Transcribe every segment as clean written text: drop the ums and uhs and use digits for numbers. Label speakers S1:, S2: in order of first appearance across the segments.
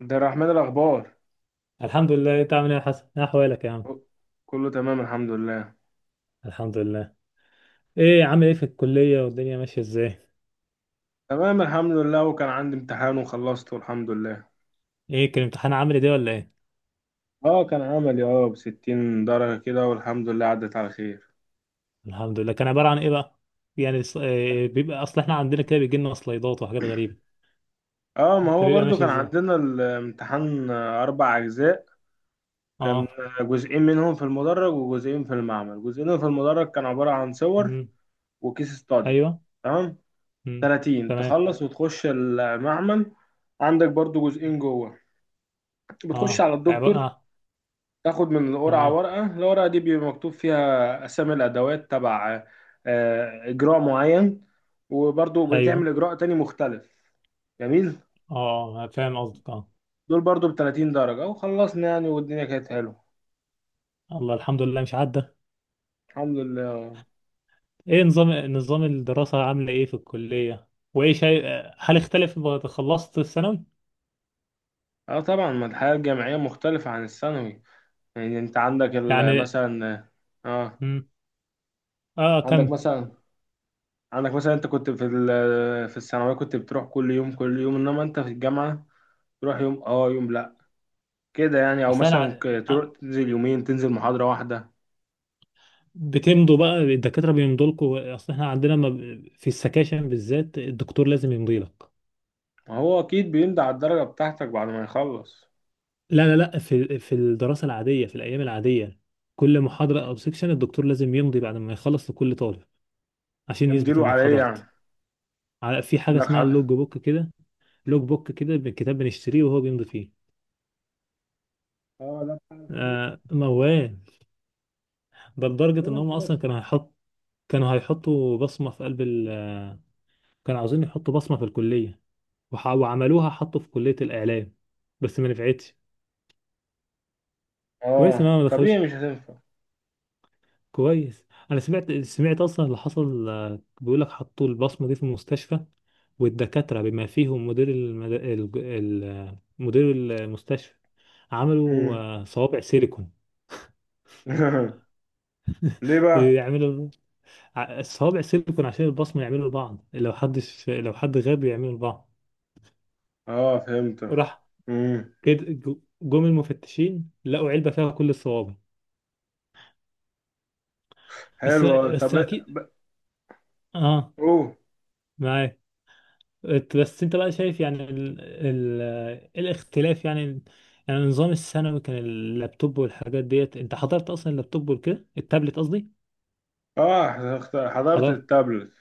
S1: عبد الرحمن الأخبار.
S2: الحمد لله. إيه، انت عامل ايه يا حسن، ايه احوالك يا عم؟
S1: كله تمام الحمد لله.
S2: الحمد لله. ايه عامل ايه في الكليه والدنيا ماشيه ازاي؟
S1: تمام الحمد لله، وكان عندي امتحان وخلصته الحمد لله.
S2: ايه كان الامتحان عامل ايه ده ولا ايه؟
S1: اه كان عملي ب60 درجة كده، والحمد لله عدت على خير.
S2: الحمد لله. كان عباره عن ايه بقى؟ يعني إيه بيبقى، اصل احنا عندنا كده بيجي لنا سلايدات وحاجات غريبه.
S1: اه، ما
S2: انت
S1: هو
S2: بيبقى
S1: برضو
S2: ماشي
S1: كان
S2: ازاي؟
S1: عندنا الامتحان، أربع أجزاء. كان
S2: اه.
S1: جزئين منهم في المدرج وجزئين في المعمل. جزئين في المدرج كان عبارة عن صور
S2: امم.
S1: وكيس استادي.
S2: ايوه.
S1: تمام.
S2: امم.
S1: 30
S2: تمام.
S1: تخلص وتخش المعمل. عندك برضو جزئين جوه، بتخش
S2: اه
S1: على
S2: عباره
S1: الدكتور،
S2: اه.
S1: تاخد من القرعة
S2: تمام.
S1: ورقة. الورقة دي بيبقى مكتوب فيها أسامي الأدوات تبع إجراء معين، وبرضو بتعمل
S2: ايوه.
S1: إجراء تاني مختلف. جميل.
S2: اه فاهم قصدك، اه.
S1: دول برضو ب30 درجة، وخلصنا يعني والدنيا كانت حلوة.
S2: الله، الحمد لله مش عدى.
S1: الحمد لله.
S2: ايه نظام، نظام الدراسه عامله ايه في الكليه؟ وايه شيء، هل اختلف بعد خلصت الثانوي؟
S1: اه طبعا، ما الحياة الجامعية مختلفة عن الثانوي. يعني انت عندك
S2: يعني
S1: مثلا، اه،
S2: اه
S1: عندك
S2: كمل.
S1: مثلا عندك مثلا انت كنت في في الثانوية كنت بتروح كل يوم كل يوم، انما انت في الجامعة تروح يوم اه يوم لا، كده يعني. او
S2: اصل انا
S1: مثلا تروح تنزل يومين، تنزل محاضرة واحدة.
S2: بتمضوا بقى الدكاتره، بيمضوا لكم؟ اصل احنا عندنا ما ب- في السكاشن بالذات الدكتور لازم يمضي لك.
S1: ما هو اكيد بيمضي على الدرجة بتاعتك بعد ما يخلص.
S2: لا في الدراسه العاديه، في الايام العاديه كل محاضره او سكشن الدكتور لازم يمضي بعد ما يخلص لكل طالب عشان يثبت
S1: يمديله
S2: انك
S1: عليه
S2: حضرت.
S1: يعني.
S2: في حاجه
S1: عندك
S2: اسمها
S1: حد؟
S2: اللوج بوك كده. لوج بوك كده، الكتاب بنشتريه وهو بيمضي فيه.
S1: اه، لا، بتاع الحضور
S2: آه موال. ده لدرجه
S1: ولا
S2: ان هم اصلا
S1: الذاكرة.
S2: كانوا هيحطوا بصمه في قلب ال آه، كانوا عاوزين يحطوا بصمه في الكليه وعملوها، حطوا في كلية الإعلام، بس ما نفعتش. كويس إن
S1: اه
S2: أنا ما
S1: طبيعي
S2: دخلش.
S1: مش هتنفع.
S2: كويس، أنا سمعت أصلا اللي حصل، بيقول لك حطوا البصمة دي في المستشفى، والدكاترة بما فيهم مدير المد... ال... ال... آه، مدير المستشفى عملوا
S1: مم.
S2: صوابع سيليكون.
S1: ليه بقى؟
S2: يعملوا الصوابع سيليكون عشان البصمة يعملوا لبعض، لو حدش لو حد غاب يعملوا لبعض.
S1: اه فهمت.
S2: راح
S1: امم.
S2: كده جم المفتشين لقوا علبة فيها كل الصوابع. بس
S1: حلو.
S2: بس
S1: طب
S2: أكيد. آه.
S1: اوه.
S2: معاك. بس انت بقى شايف يعني الاختلاف يعني. يعني النظام الثانوي كان اللابتوب والحاجات ديت، انت حضرت اصلا اللابتوب وكده، التابلت قصدي.
S1: اه، حضرت
S2: حضرت.
S1: التابلت.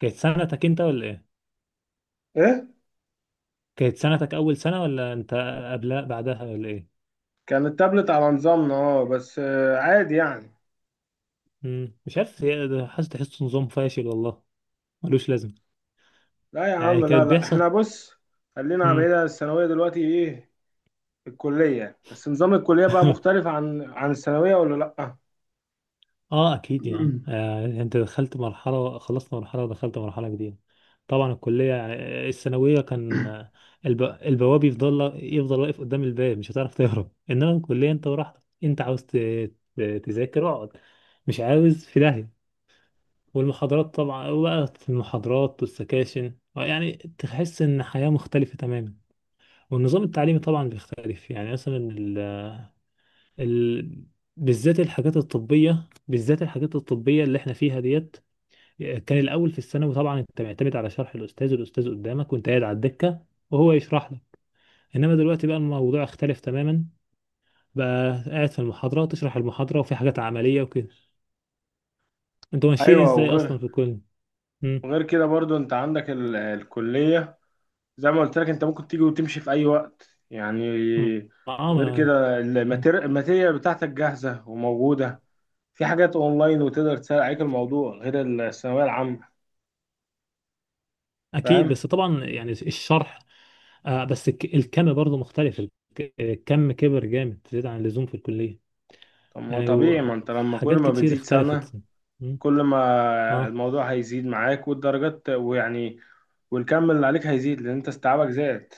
S2: كانت سنتك انت ولا ايه؟
S1: ايه،
S2: كانت سنتك اول سنة، ولا انت قبلها بعدها ولا ايه؟
S1: كان التابلت على نظامنا، بس عادي يعني.
S2: مش عارف، هي ده حاسس تحسه نظام فاشل والله، ملوش لازمه.
S1: لا يا
S2: يعني
S1: عم،
S2: كان
S1: لا لا،
S2: بيحصل.
S1: احنا بص، خلينا
S2: مم.
S1: بعيد عن الثانوية دلوقتي. ايه الكلية، بس نظام الكلية بقى مختلف عن عن الثانوية ولا لأ؟
S2: اه اكيد يا عم. انت دخلت مرحله، خلصت مرحله ودخلت مرحله جديده. طبعا الكليه يعني، الثانويه كان البواب يفضل واقف قدام الباب، مش هتعرف تهرب. انما الكليه انت براحتك، انت تذاكر اقعد، مش عاوز في داهيه. والمحاضرات طبعا، وبقى في المحاضرات والسكاشن يعني تحس ان حياه مختلفه تماما. والنظام التعليمي طبعا بيختلف، يعني مثلا ال... بالذات الحاجات الطبيه، اللي احنا فيها ديت. كان الاول في الثانوي طبعا انت معتمد على شرح الاستاذ، قدامك وانت قاعد على الدكه وهو يشرح لك. انما دلوقتي بقى الموضوع اختلف تماما، بقى قاعد في المحاضره تشرح المحاضره، وفي حاجات عمليه وكده. انتوا ماشيين
S1: أيوه.
S2: ازاي
S1: وغير،
S2: اصلا في الكل؟ مم.
S1: وغير كده برضو أنت عندك الكلية، زي ما قلت لك، أنت ممكن تيجي وتمشي في أي وقت يعني.
S2: مم. اه
S1: غير
S2: ما-
S1: كده الماتيريال بتاعتك جاهزة وموجودة، في حاجات أونلاين وتقدر تسهل عليك الموضوع، غير الثانوية العامة.
S2: اكيد،
S1: فاهم؟
S2: بس طبعا يعني الشرح آه. بس الكم برضه مختلف، الكم كبر جامد زيادة عن اللزوم في الكليه.
S1: طب ما
S2: يعني
S1: طبيعي، ما
S2: و-
S1: أنت لما كل
S2: حاجات
S1: ما
S2: كتير
S1: بتزيد سنة،
S2: اختلفت. مم.
S1: كل ما
S2: اه.
S1: الموضوع هيزيد معاك والدرجات ويعني، والكم اللي عليك هيزيد لأن أنت استيعابك زاد.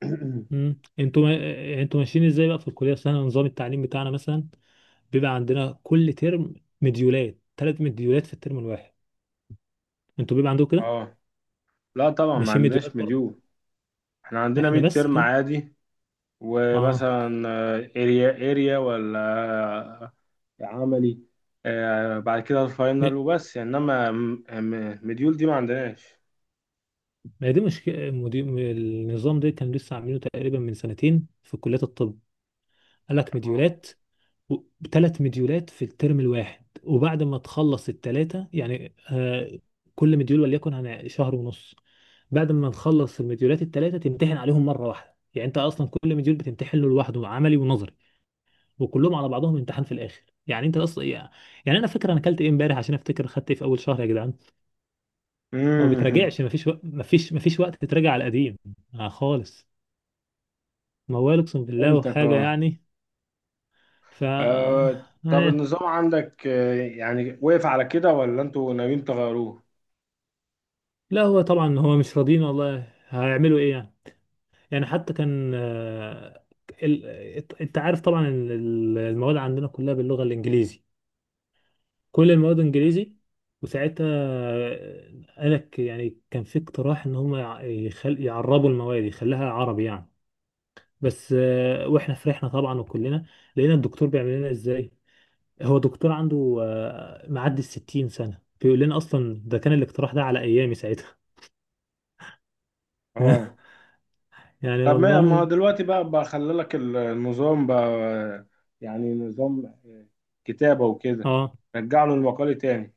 S2: مم. انتوا ما... انتوا ماشيين ازاي بقى في الكليه؟ اصل احنا نظام التعليم بتاعنا مثلا بيبقى عندنا كل ترم ثلاث مديولات في الترم الواحد. انتوا بيبقى عندكم كده،
S1: اه. لا طبعا، ما
S2: ماشيين
S1: عندناش
S2: مديولات برضه؟
S1: مديول، احنا عندنا
S2: احنا
S1: ميد
S2: بس
S1: ترم
S2: كده.
S1: عادي.
S2: اه.
S1: ومثلا اريا ولا آه، عملي، بعد كده
S2: ما
S1: الفاينل وبس. انما مديول دي ما عندناش.
S2: ما دي مشكله النظام ده كان لسه عاملينه تقريبا من سنتين في كليه الطب. قال لك مديولات، ثلاث مديولات في الترم الواحد، وبعد ما تخلص الثلاثه يعني آه كل مديول وليكن عن شهر ونص. بعد ما نخلص المديولات الثلاثه تمتحن عليهم مره واحده. يعني انت اصلا كل مديول بتمتحن له لوحده، عملي ونظري، وكلهم على بعضهم امتحان في الاخر. يعني انت اصلا يعني، يعني انا فاكر انا اكلت ايه امبارح عشان افتكر خدت ايه في اول شهر يا جدعان. ما
S1: امم.
S2: بتراجعش، ما فيش وقت تتراجع على القديم آه خالص. موال، اقسم بالله
S1: فهمتك.
S2: وحاجه
S1: اه
S2: يعني. ف
S1: آه، طب
S2: أنا...
S1: النظام عندك يعني وقف على كده ولا انتوا ناويين تغيروه؟
S2: لا هو طبعا هو مش راضيين، والله هيعملوا ايه يعني. يعني حتى كان ال... انت عارف طبعا إن المواد عندنا كلها باللغه الانجليزي، كل المواد انجليزي. وساعتها قالك يعني كان في اقتراح ان هم يعربوا المواد يخليها عربي يعني. بس واحنا فرحنا طبعا وكلنا، لقينا الدكتور بيعمل لنا ازاي. هو دكتور عنده معدي 60 سنة بيقول لنا اصلا ده كان الاقتراح ده على ايامي ساعتها.
S1: اه.
S2: يعني
S1: طب ما
S2: والله.
S1: هو دلوقتي بقى بخلي لك النظام بقى يعني نظام كتابة وكده،
S2: اه
S1: رجع له المقالي تاني.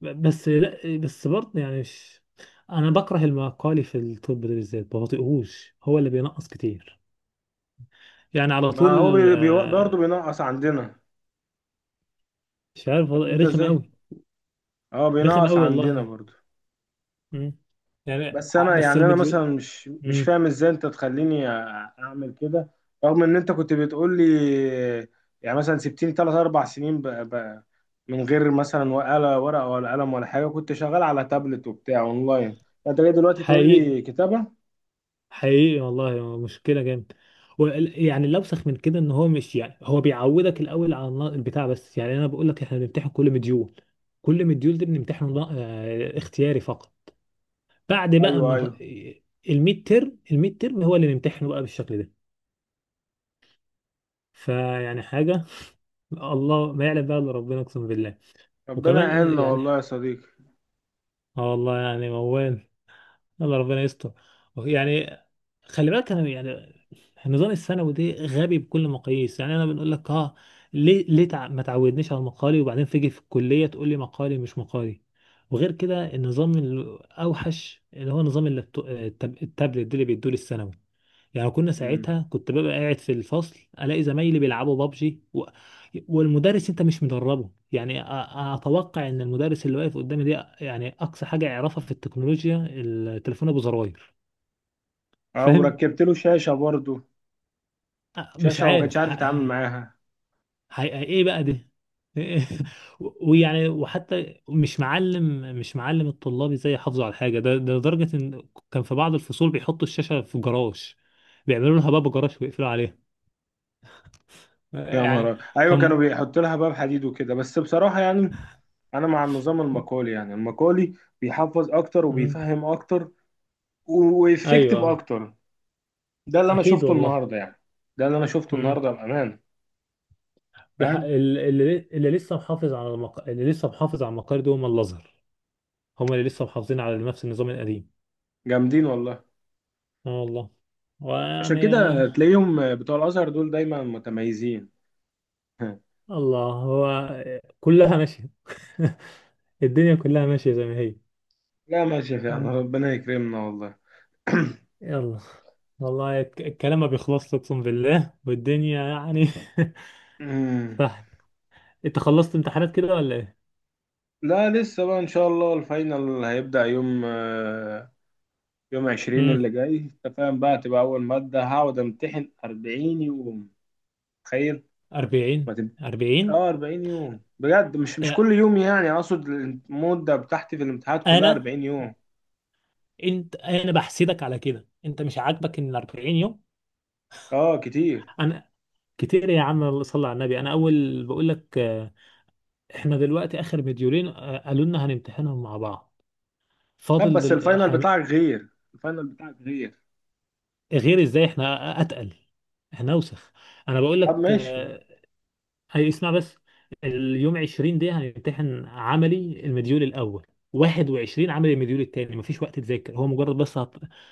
S2: بس لا، بس برضه يعني مش، انا بكره المقالي في الطب ده بالذات، بطيقهوش هو اللي بينقص كتير يعني على طول.
S1: ما هو بي برضه بينقص عندنا.
S2: مش عارف
S1: فاهم
S2: والله
S1: انت
S2: رخم
S1: ازاي؟
S2: قوي.
S1: اه،
S2: رخم
S1: بينقص
S2: قوي
S1: عندنا
S2: والله.
S1: برضه.
S2: مم.
S1: بس انا
S2: بس
S1: يعني، انا مثلا مش
S2: مم.
S1: فاهم ازاي انت تخليني اعمل كده، رغم ان انت كنت بتقول لي. يعني مثلا سبتني ثلاث اربع سنين من غير مثلا ولا ورقة ولا قلم ولا حاجة، كنت شغال على تابلت وبتاع اونلاين. انت جاي دلوقتي تقول
S2: حقيقي،
S1: لي كتابة؟
S2: حقيقي والله مشكلة جامد. يعني الأوسخ من كده إن هو مش يعني، هو بيعودك الأول على البتاع. بس يعني أنا بقول لك، إحنا بنمتحن كل مديول، كل مديول دي بنمتحنه اختياري فقط. بعد بقى
S1: ايوه،
S2: ما
S1: ايوه.
S2: الميد ترم، هو اللي نمتحنه بقى بالشكل ده. فيعني حاجة، الله ما يعلم بقى إلا ربنا أقسم بالله.
S1: ربنا
S2: وكمان
S1: يعيننا والله
S2: يعني
S1: يا صديقي.
S2: اه والله يعني موال، الله ربنا يستر يعني. خلي بالك انا يعني النظام الثانوي ده غبي بكل مقاييس، يعني انا بنقول لك اه، ليه ما تعودنيش على المقالي وبعدين تيجي في الكليه تقول لي مقالي مش مقالي. وغير كده النظام الاوحش اللي هو نظام التابلت ده اللي بيدوه للثانوي. يعني كنا
S1: مم.
S2: ساعتها، كنت ببقى قاعد في الفصل الاقي زمايلي بيلعبوا بابجي والمدرس انت مش مدربه. يعني اتوقع ان المدرس اللي واقف قدامي دي يعني اقصى حاجه يعرفها في التكنولوجيا التليفون ابو زراير.
S1: او
S2: فاهم؟
S1: ركبت له شاشة برضو.
S2: مش
S1: شاشة وما كانش
S2: عارف
S1: عارف يتعامل معاها.
S2: ايه بقى ده. و- ويعني وحتى مش معلم الطلاب ازاي يحافظوا على الحاجه ده. ده لدرجه ان كان في بعض الفصول بيحطوا الشاشه في جراج، بيعملوا لها باب جراج ويقفلوا عليها.
S1: يا نهار
S2: يعني
S1: أبيض. ايوه، كانوا
S2: كان،
S1: بيحطوا لها باب حديد وكده. بس بصراحة يعني، انا مع النظام المقالي. يعني المقالي بيحفظ اكتر
S2: مم.
S1: وبيفهم اكتر
S2: ايوه
S1: وافكتيف
S2: آه.
S1: اكتر. ده اللي انا
S2: اكيد
S1: شفته
S2: والله.
S1: النهاردة يعني. ده اللي انا شفته
S2: مم.
S1: النهاردة بأمان. فاهم؟
S2: اللي اللي لسه محافظ على المق... اللي لسه محافظ على المقال دول هم الازهر، هم اللي لسه محافظين على نفس النظام القديم.
S1: جامدين والله.
S2: اه والله.
S1: عشان
S2: ويعني
S1: كده
S2: آه،
S1: تلاقيهم بتوع الازهر دول دايما متميزين.
S2: الله هو، كلها ماشيه. الدنيا كلها ماشيه زي ما هي.
S1: لا، ماشي فعلا،
S2: مم.
S1: ربنا يكرمنا والله.
S2: يلا. والله الكلام ما بيخلصش اقسم بالله والدنيا يعني. صح. انت خلصت امتحانات كده ولا ايه؟
S1: لا لسه بقى، ان شاء الله الفاينل هيبدأ يوم يوم 20
S2: امم.
S1: اللي جاي. انت فاهم بقى؟ تبقى أول مادة هقعد أمتحن 40 يوم. تخيل.
S2: 40.
S1: ما تب...
S2: 40.
S1: اه 40 يوم بجد. مش كل يوم يعني، أقصد المدة بتاعتي في الامتحانات كلها
S2: انا
S1: 40 يوم.
S2: انا بحسدك على كده، انت مش عاجبك ان ال 40 يوم؟
S1: اه كتير.
S2: انا كتير يا عم؟ الله صلى على النبي. انا اول بقول لك آه، احنا دلوقتي اخر مديولين، آه، قالوا لنا هنمتحنهم مع بعض.
S1: طب
S2: فاضل
S1: بس الفاينل بتاعك غير.
S2: غير ازاي؟ احنا اتقل، احنا اوسخ. انا بقول
S1: طب
S2: لك
S1: ماشي.
S2: آه، هي اسمع بس. اليوم 20 دي هنمتحن عملي المديول الاول، 21 عملي المديول التاني. مفيش وقت تذاكر، هو مجرد بس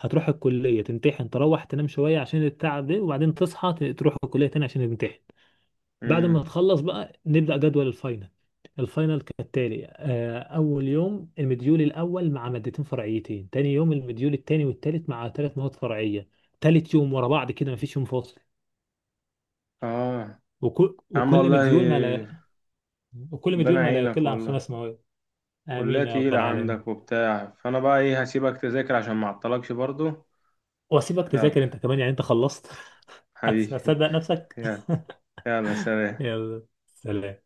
S2: هتروح الكليه تمتحن، تروح تنام شويه عشان التعب ده، وبعدين تصحى تروح الكليه تاني عشان تمتحن. بعد ما
S1: امم.
S2: تخلص بقى نبدا جدول الفاينل. الفاينل كالتالي، آه، اول يوم المديول الاول مع مادتين فرعيتين، تاني يوم المديول التاني والتالت مع ثلاث مواد فرعيه، تالت يوم ورا بعض كده مفيش يوم فاصل.
S1: اه
S2: وكل
S1: يا عم
S2: وكل
S1: والله.
S2: مديول ما لا وكل مديول
S1: ربنا
S2: ما لا
S1: يعينك
S2: يقل عن
S1: والله.
S2: خمس مواد.
S1: كلية
S2: آمين يا رب
S1: تقيلة
S2: العالمين.
S1: عندك وبتاع، فأنا بقى إيه، هسيبك تذاكر عشان ما أعطلكش برضو.
S2: وأسيبك تذاكر
S1: يلا
S2: أنت كمان، يعني أنت خلصت.
S1: حبيبي،
S2: هتصدق نفسك.
S1: يلا. يلا، سلام.
S2: يلا سلام.